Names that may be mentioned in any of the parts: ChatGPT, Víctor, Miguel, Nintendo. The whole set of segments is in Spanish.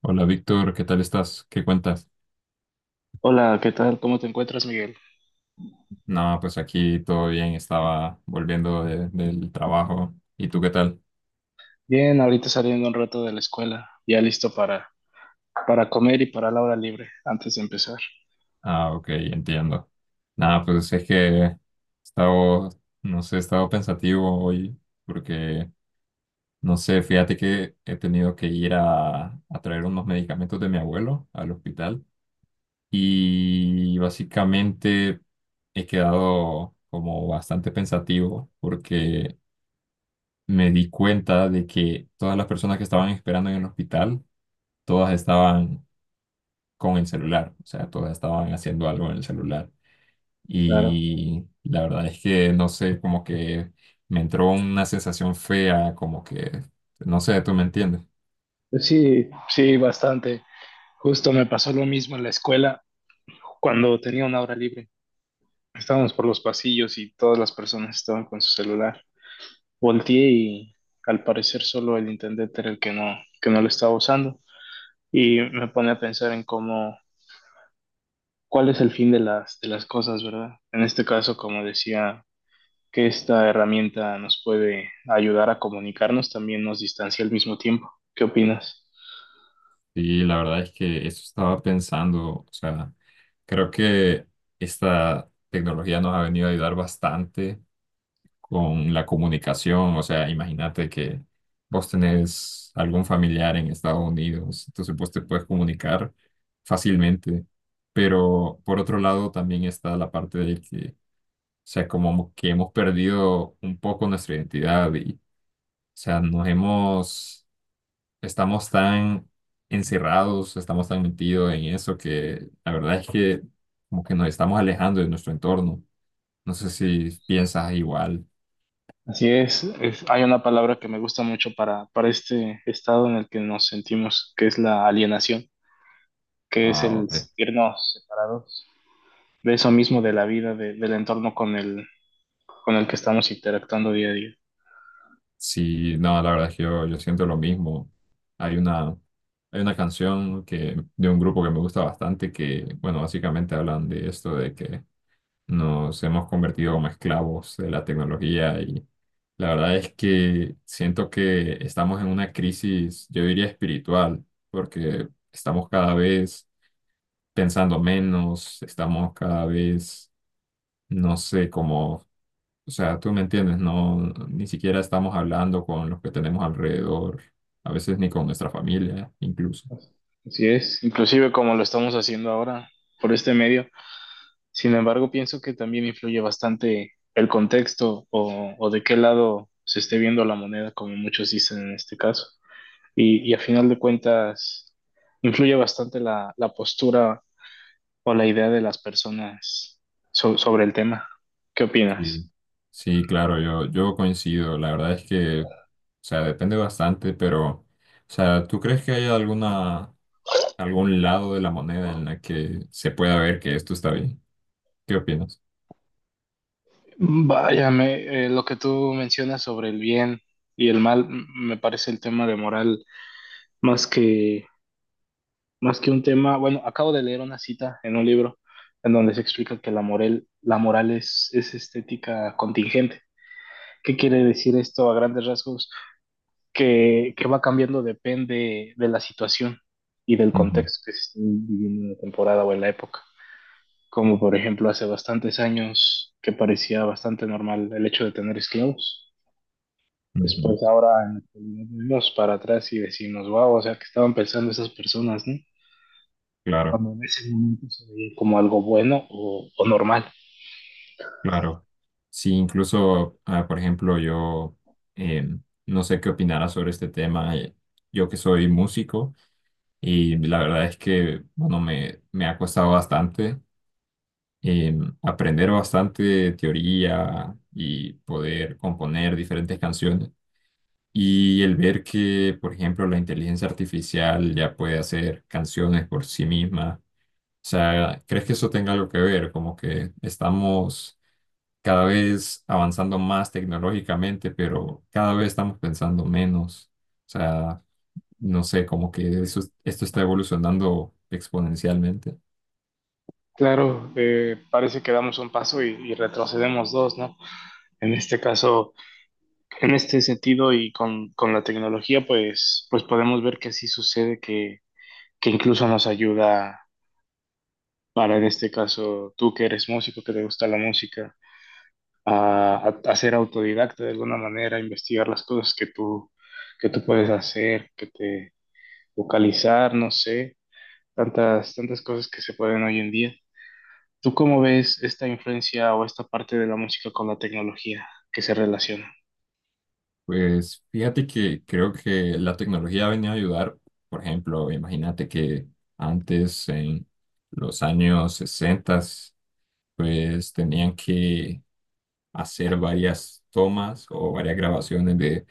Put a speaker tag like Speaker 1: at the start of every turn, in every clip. Speaker 1: Hola Víctor, ¿qué tal estás? ¿Qué cuentas?
Speaker 2: Hola, ¿qué tal? ¿Cómo te encuentras, Miguel?
Speaker 1: No, pues aquí todo bien, estaba volviendo del trabajo. ¿Y tú qué tal?
Speaker 2: Bien, ahorita saliendo un rato de la escuela, ya listo para comer y para la hora libre antes de empezar.
Speaker 1: Ah, ok, entiendo. Nada, pues es que he estado, no sé, he estado pensativo hoy porque, no sé, fíjate que he tenido que ir a traer unos medicamentos de mi abuelo al hospital y básicamente he quedado como bastante pensativo porque me di cuenta de que todas las personas que estaban esperando en el hospital, todas estaban con el celular, o sea, todas estaban haciendo algo en el celular.
Speaker 2: Claro.
Speaker 1: Y la verdad es que, no sé, como que me entró una sensación fea, como que, no sé, tú me entiendes.
Speaker 2: Sí, sí, bastante. Justo me pasó lo mismo en la escuela cuando tenía una hora libre. Estábamos por los pasillos y todas las personas estaban con su celular. Volteé y al parecer solo el intendente era el que que no lo estaba usando. Y me pone a pensar en cuál es el fin de de las cosas, ¿verdad? En este caso, como decía que esta herramienta nos puede ayudar a comunicarnos, también nos distancia al mismo tiempo. ¿Qué opinas?
Speaker 1: Y la verdad es que eso estaba pensando, o sea, creo que esta tecnología nos ha venido a ayudar bastante con la comunicación. O sea, imagínate que vos tenés algún familiar en Estados Unidos, entonces vos te puedes comunicar fácilmente. Pero por otro lado también está la parte de que, o sea, como que hemos perdido un poco nuestra identidad y, o sea, nos hemos, estamos tan encerrados, estamos tan metidos en eso que la verdad es que como que nos estamos alejando de nuestro entorno. No sé si piensas igual.
Speaker 2: Así es, hay una palabra que me gusta mucho para este estado en el que nos sentimos, que es la alienación, que es
Speaker 1: Ah,
Speaker 2: el
Speaker 1: ok.
Speaker 2: sentirnos separados de eso mismo, de la vida, del entorno con con el que estamos interactuando día a día.
Speaker 1: Sí, no, la verdad es que yo siento lo mismo. Hay una, hay una canción que, de un grupo que me gusta bastante que, bueno, básicamente hablan de esto, de que nos hemos convertido como esclavos de la tecnología y la verdad es que siento que estamos en una crisis, yo diría espiritual, porque estamos cada vez pensando menos, estamos cada vez, no sé, como o sea, tú me entiendes, no, ni siquiera estamos hablando con los que tenemos alrededor, a veces ni con nuestra familia, incluso.
Speaker 2: Así es, inclusive como lo estamos haciendo ahora por este medio. Sin embargo, pienso que también influye bastante el contexto o de qué lado se esté viendo la moneda, como muchos dicen en este caso. Y a final de cuentas, influye bastante la postura o la idea de las personas sobre el tema. ¿Qué opinas?
Speaker 1: Sí, sí, claro, yo coincido. La verdad es que, o sea, depende bastante, pero, o sea, ¿tú crees que hay algún lado de la moneda en la que se pueda ver que esto está bien? ¿Qué opinas?
Speaker 2: Vaya, lo que tú mencionas sobre el bien y el mal, me parece el tema de moral más que más que un tema. Bueno, acabo de leer una cita en un libro en donde se explica que la moral es estética contingente. ¿Qué quiere decir esto a grandes rasgos? Que va cambiando depende de la situación y del
Speaker 1: Ujú,
Speaker 2: contexto que se esté viviendo en la temporada o en la época. Como por ejemplo hace bastantes años que parecía bastante normal el hecho de tener esclavos.
Speaker 1: ujú.
Speaker 2: Después ahora en la actualidad, vemos para atrás y decimos, wow, o sea, que estaban pensando esas personas, ¿no?
Speaker 1: Claro.
Speaker 2: Cuando en ese momento se veía como algo bueno o normal.
Speaker 1: Claro. Sí, incluso, ah, por ejemplo, yo eh, no sé qué opinarás sobre este tema. Yo que soy músico y la verdad es que, bueno, me ha costado bastante aprender bastante teoría y poder componer diferentes canciones. Y el ver que, por ejemplo, la inteligencia artificial ya puede hacer canciones por sí misma. O sea, ¿crees que eso tenga algo que ver? Como que estamos cada vez avanzando más tecnológicamente, pero cada vez estamos pensando menos. O sea, no sé, como que eso, esto está evolucionando exponencialmente.
Speaker 2: Claro, parece que damos un paso y retrocedemos dos, ¿no? En este caso, en este sentido y con la tecnología, pues podemos ver que sí sucede que incluso nos ayuda para, en este caso, tú que eres músico, que te gusta la música, a, a ser autodidacta de alguna manera, a investigar las cosas que que tú puedes hacer, que te vocalizar, no sé tantas cosas que se pueden hoy en día. ¿Tú cómo ves esta influencia o esta parte de la música con la tecnología que se relaciona?
Speaker 1: Pues fíjate que creo que la tecnología ha venido a ayudar. Por ejemplo, imagínate que antes, en los años 60, pues tenían que hacer varias tomas o varias grabaciones de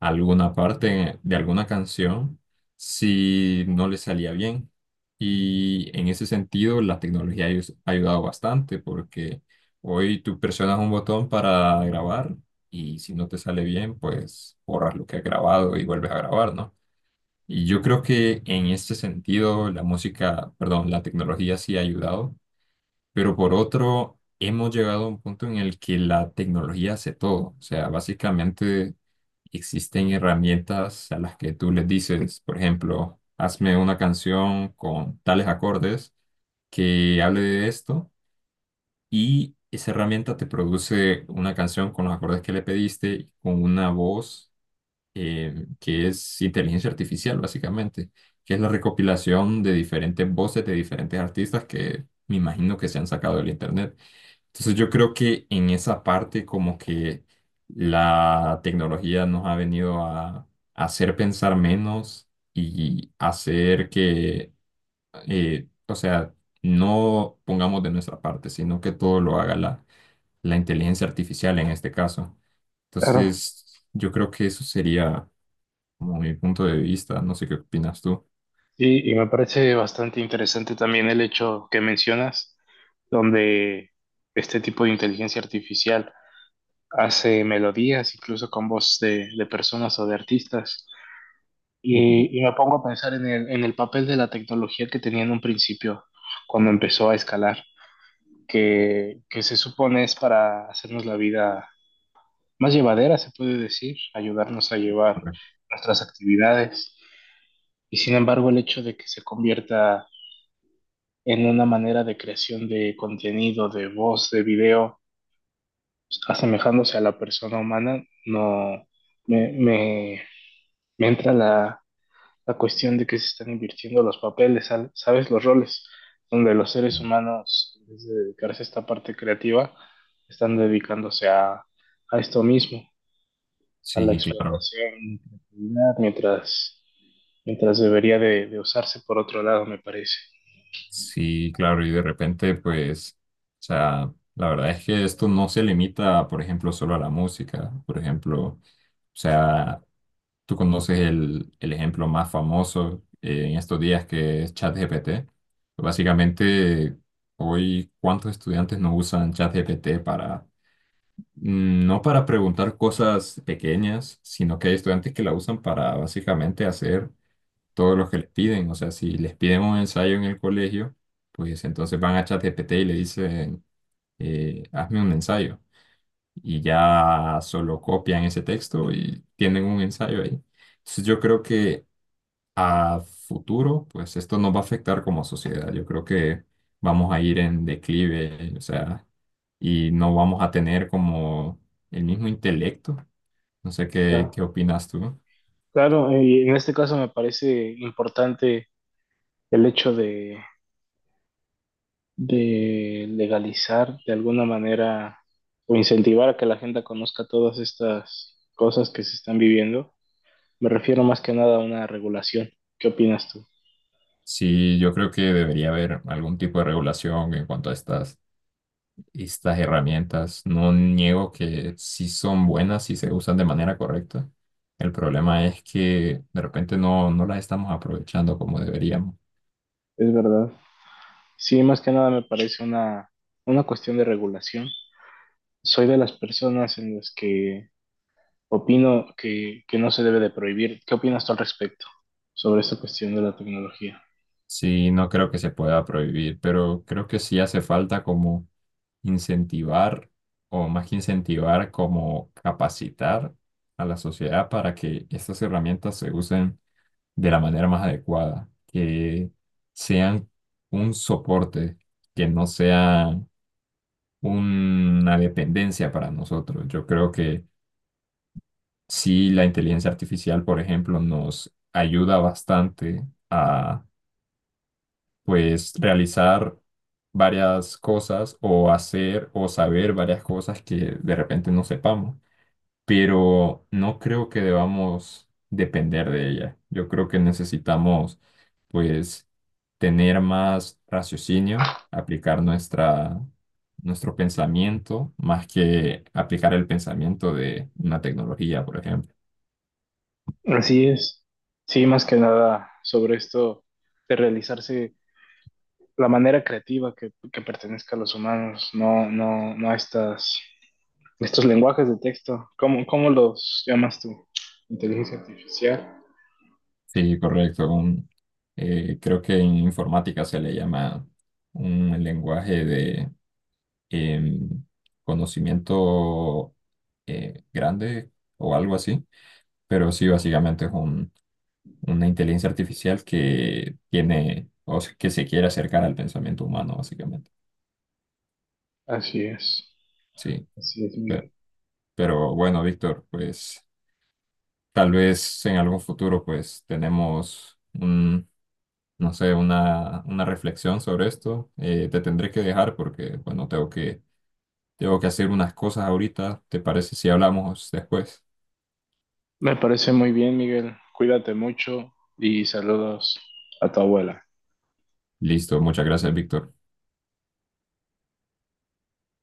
Speaker 1: alguna parte de alguna canción si no le salía bien. Y en ese sentido, la tecnología ha ayudado bastante porque hoy tú presionas un botón para grabar y si no te sale bien, pues borras lo que has grabado y vuelves a grabar, ¿no? Y yo creo que en este sentido la música, perdón, la tecnología sí ha ayudado, pero por otro, hemos llegado a un punto en el que la tecnología hace todo. O sea, básicamente existen herramientas a las que tú les dices, por ejemplo, hazme una canción con tales acordes que hable de esto, y esa herramienta te produce una canción con los acordes que le pediste, y con una voz que es inteligencia artificial, básicamente, que es la recopilación de diferentes voces de diferentes artistas que me imagino que se han sacado del internet. Entonces yo creo que en esa parte como que la tecnología nos ha venido a hacer pensar menos y hacer que, o sea, no pongamos de nuestra parte, sino que todo lo haga la inteligencia artificial en este caso.
Speaker 2: Claro.
Speaker 1: Entonces yo creo que eso sería como mi punto de vista. No sé qué opinas tú.
Speaker 2: Sí, y me parece bastante interesante también el hecho que mencionas, donde este tipo de inteligencia artificial hace melodías, incluso con voz de personas o de artistas.
Speaker 1: Ujú,
Speaker 2: Y me pongo a pensar en en el papel de la tecnología que tenía en un principio, cuando empezó a escalar, que se supone es para hacernos la vida más llevadera, se puede decir, ayudarnos a llevar
Speaker 1: correcto.
Speaker 2: nuestras actividades. Y sin embargo, el hecho de que se convierta en una manera de creación de contenido, de voz, de video, asemejándose a la persona humana, no me, me, me entra la cuestión de que se están invirtiendo los papeles, ¿sabes? Los roles, donde los seres humanos, en vez de dedicarse a esta parte creativa, están dedicándose a esto mismo. A la
Speaker 1: Sí, claro.
Speaker 2: explotación, creatividad, mientras debería de usarse por otro lado, me parece.
Speaker 1: Sí, claro, y de repente, pues, o sea, la verdad es que esto no se limita, por ejemplo, solo a la música. Por ejemplo, o sea, tú conoces el ejemplo más famoso en estos días que es ChatGPT. Básicamente, hoy, ¿cuántos estudiantes no usan ChatGPT para, no para preguntar cosas pequeñas, sino que hay estudiantes que la usan para básicamente hacer todo lo que les piden. O sea, si les piden un ensayo en el colegio, pues entonces van a ChatGPT y le dicen, hazme un ensayo. Y ya solo copian ese texto y tienen un ensayo ahí. Entonces yo creo que a futuro, pues esto nos va a afectar como sociedad. Yo creo que vamos a ir en declive, o sea, y no vamos a tener como el mismo intelecto. No sé
Speaker 2: Ah,
Speaker 1: qué opinas tú.
Speaker 2: Claro, y en este caso me parece importante el hecho de legalizar de alguna manera o incentivar a que la gente conozca todas estas cosas que se están viviendo. Me refiero más que nada a una regulación. ¿Qué opinas tú?
Speaker 1: Sí, yo creo que debería haber algún tipo de regulación en cuanto a estas herramientas. No niego que sí son buenas si se usan de manera correcta. El problema es que de repente no las estamos aprovechando como deberíamos.
Speaker 2: Es verdad. Sí, más que nada me parece una cuestión de regulación. Soy de las personas en las que opino que no se debe de prohibir. ¿Qué opinas tú al respecto sobre esta cuestión de la tecnología?
Speaker 1: Sí, no creo que se pueda prohibir, pero creo que sí hace falta como incentivar, o más que incentivar, como capacitar a la sociedad para que estas herramientas se usen de la manera más adecuada, que sean un soporte, que no sean una dependencia para nosotros. Yo creo que sí, la inteligencia artificial, por ejemplo, nos ayuda bastante a, pues, realizar varias cosas o hacer o saber varias cosas que de repente no sepamos, pero no creo que debamos depender de ella. Yo creo que necesitamos, pues, tener más raciocinio, aplicar nuestro pensamiento, más que aplicar el pensamiento de una tecnología, por ejemplo.
Speaker 2: Así es. Sí, más que nada sobre esto de realizarse la manera creativa que pertenezca a los humanos, no, no, no a estas, estos lenguajes de texto. ¿Cómo, cómo los llamas tú? Inteligencia artificial.
Speaker 1: Sí, correcto. Creo que en informática se le llama un lenguaje de em, conocimiento grande o algo así. Pero sí, básicamente es una inteligencia artificial que tiene, o sea, que se quiere acercar al pensamiento humano, básicamente.
Speaker 2: Así es.
Speaker 1: Sí,
Speaker 2: Así es,
Speaker 1: pero,
Speaker 2: Miguel.
Speaker 1: pero bueno, Víctor, pues tal vez en algún futuro pues tenemos un, no sé, una reflexión sobre esto. Te tendré que dejar porque, bueno, tengo que hacer unas cosas ahorita. ¿Te parece si hablamos después?
Speaker 2: Me parece muy bien, Miguel. Cuídate mucho y saludos a tu abuela.
Speaker 1: Listo, muchas gracias, Víctor.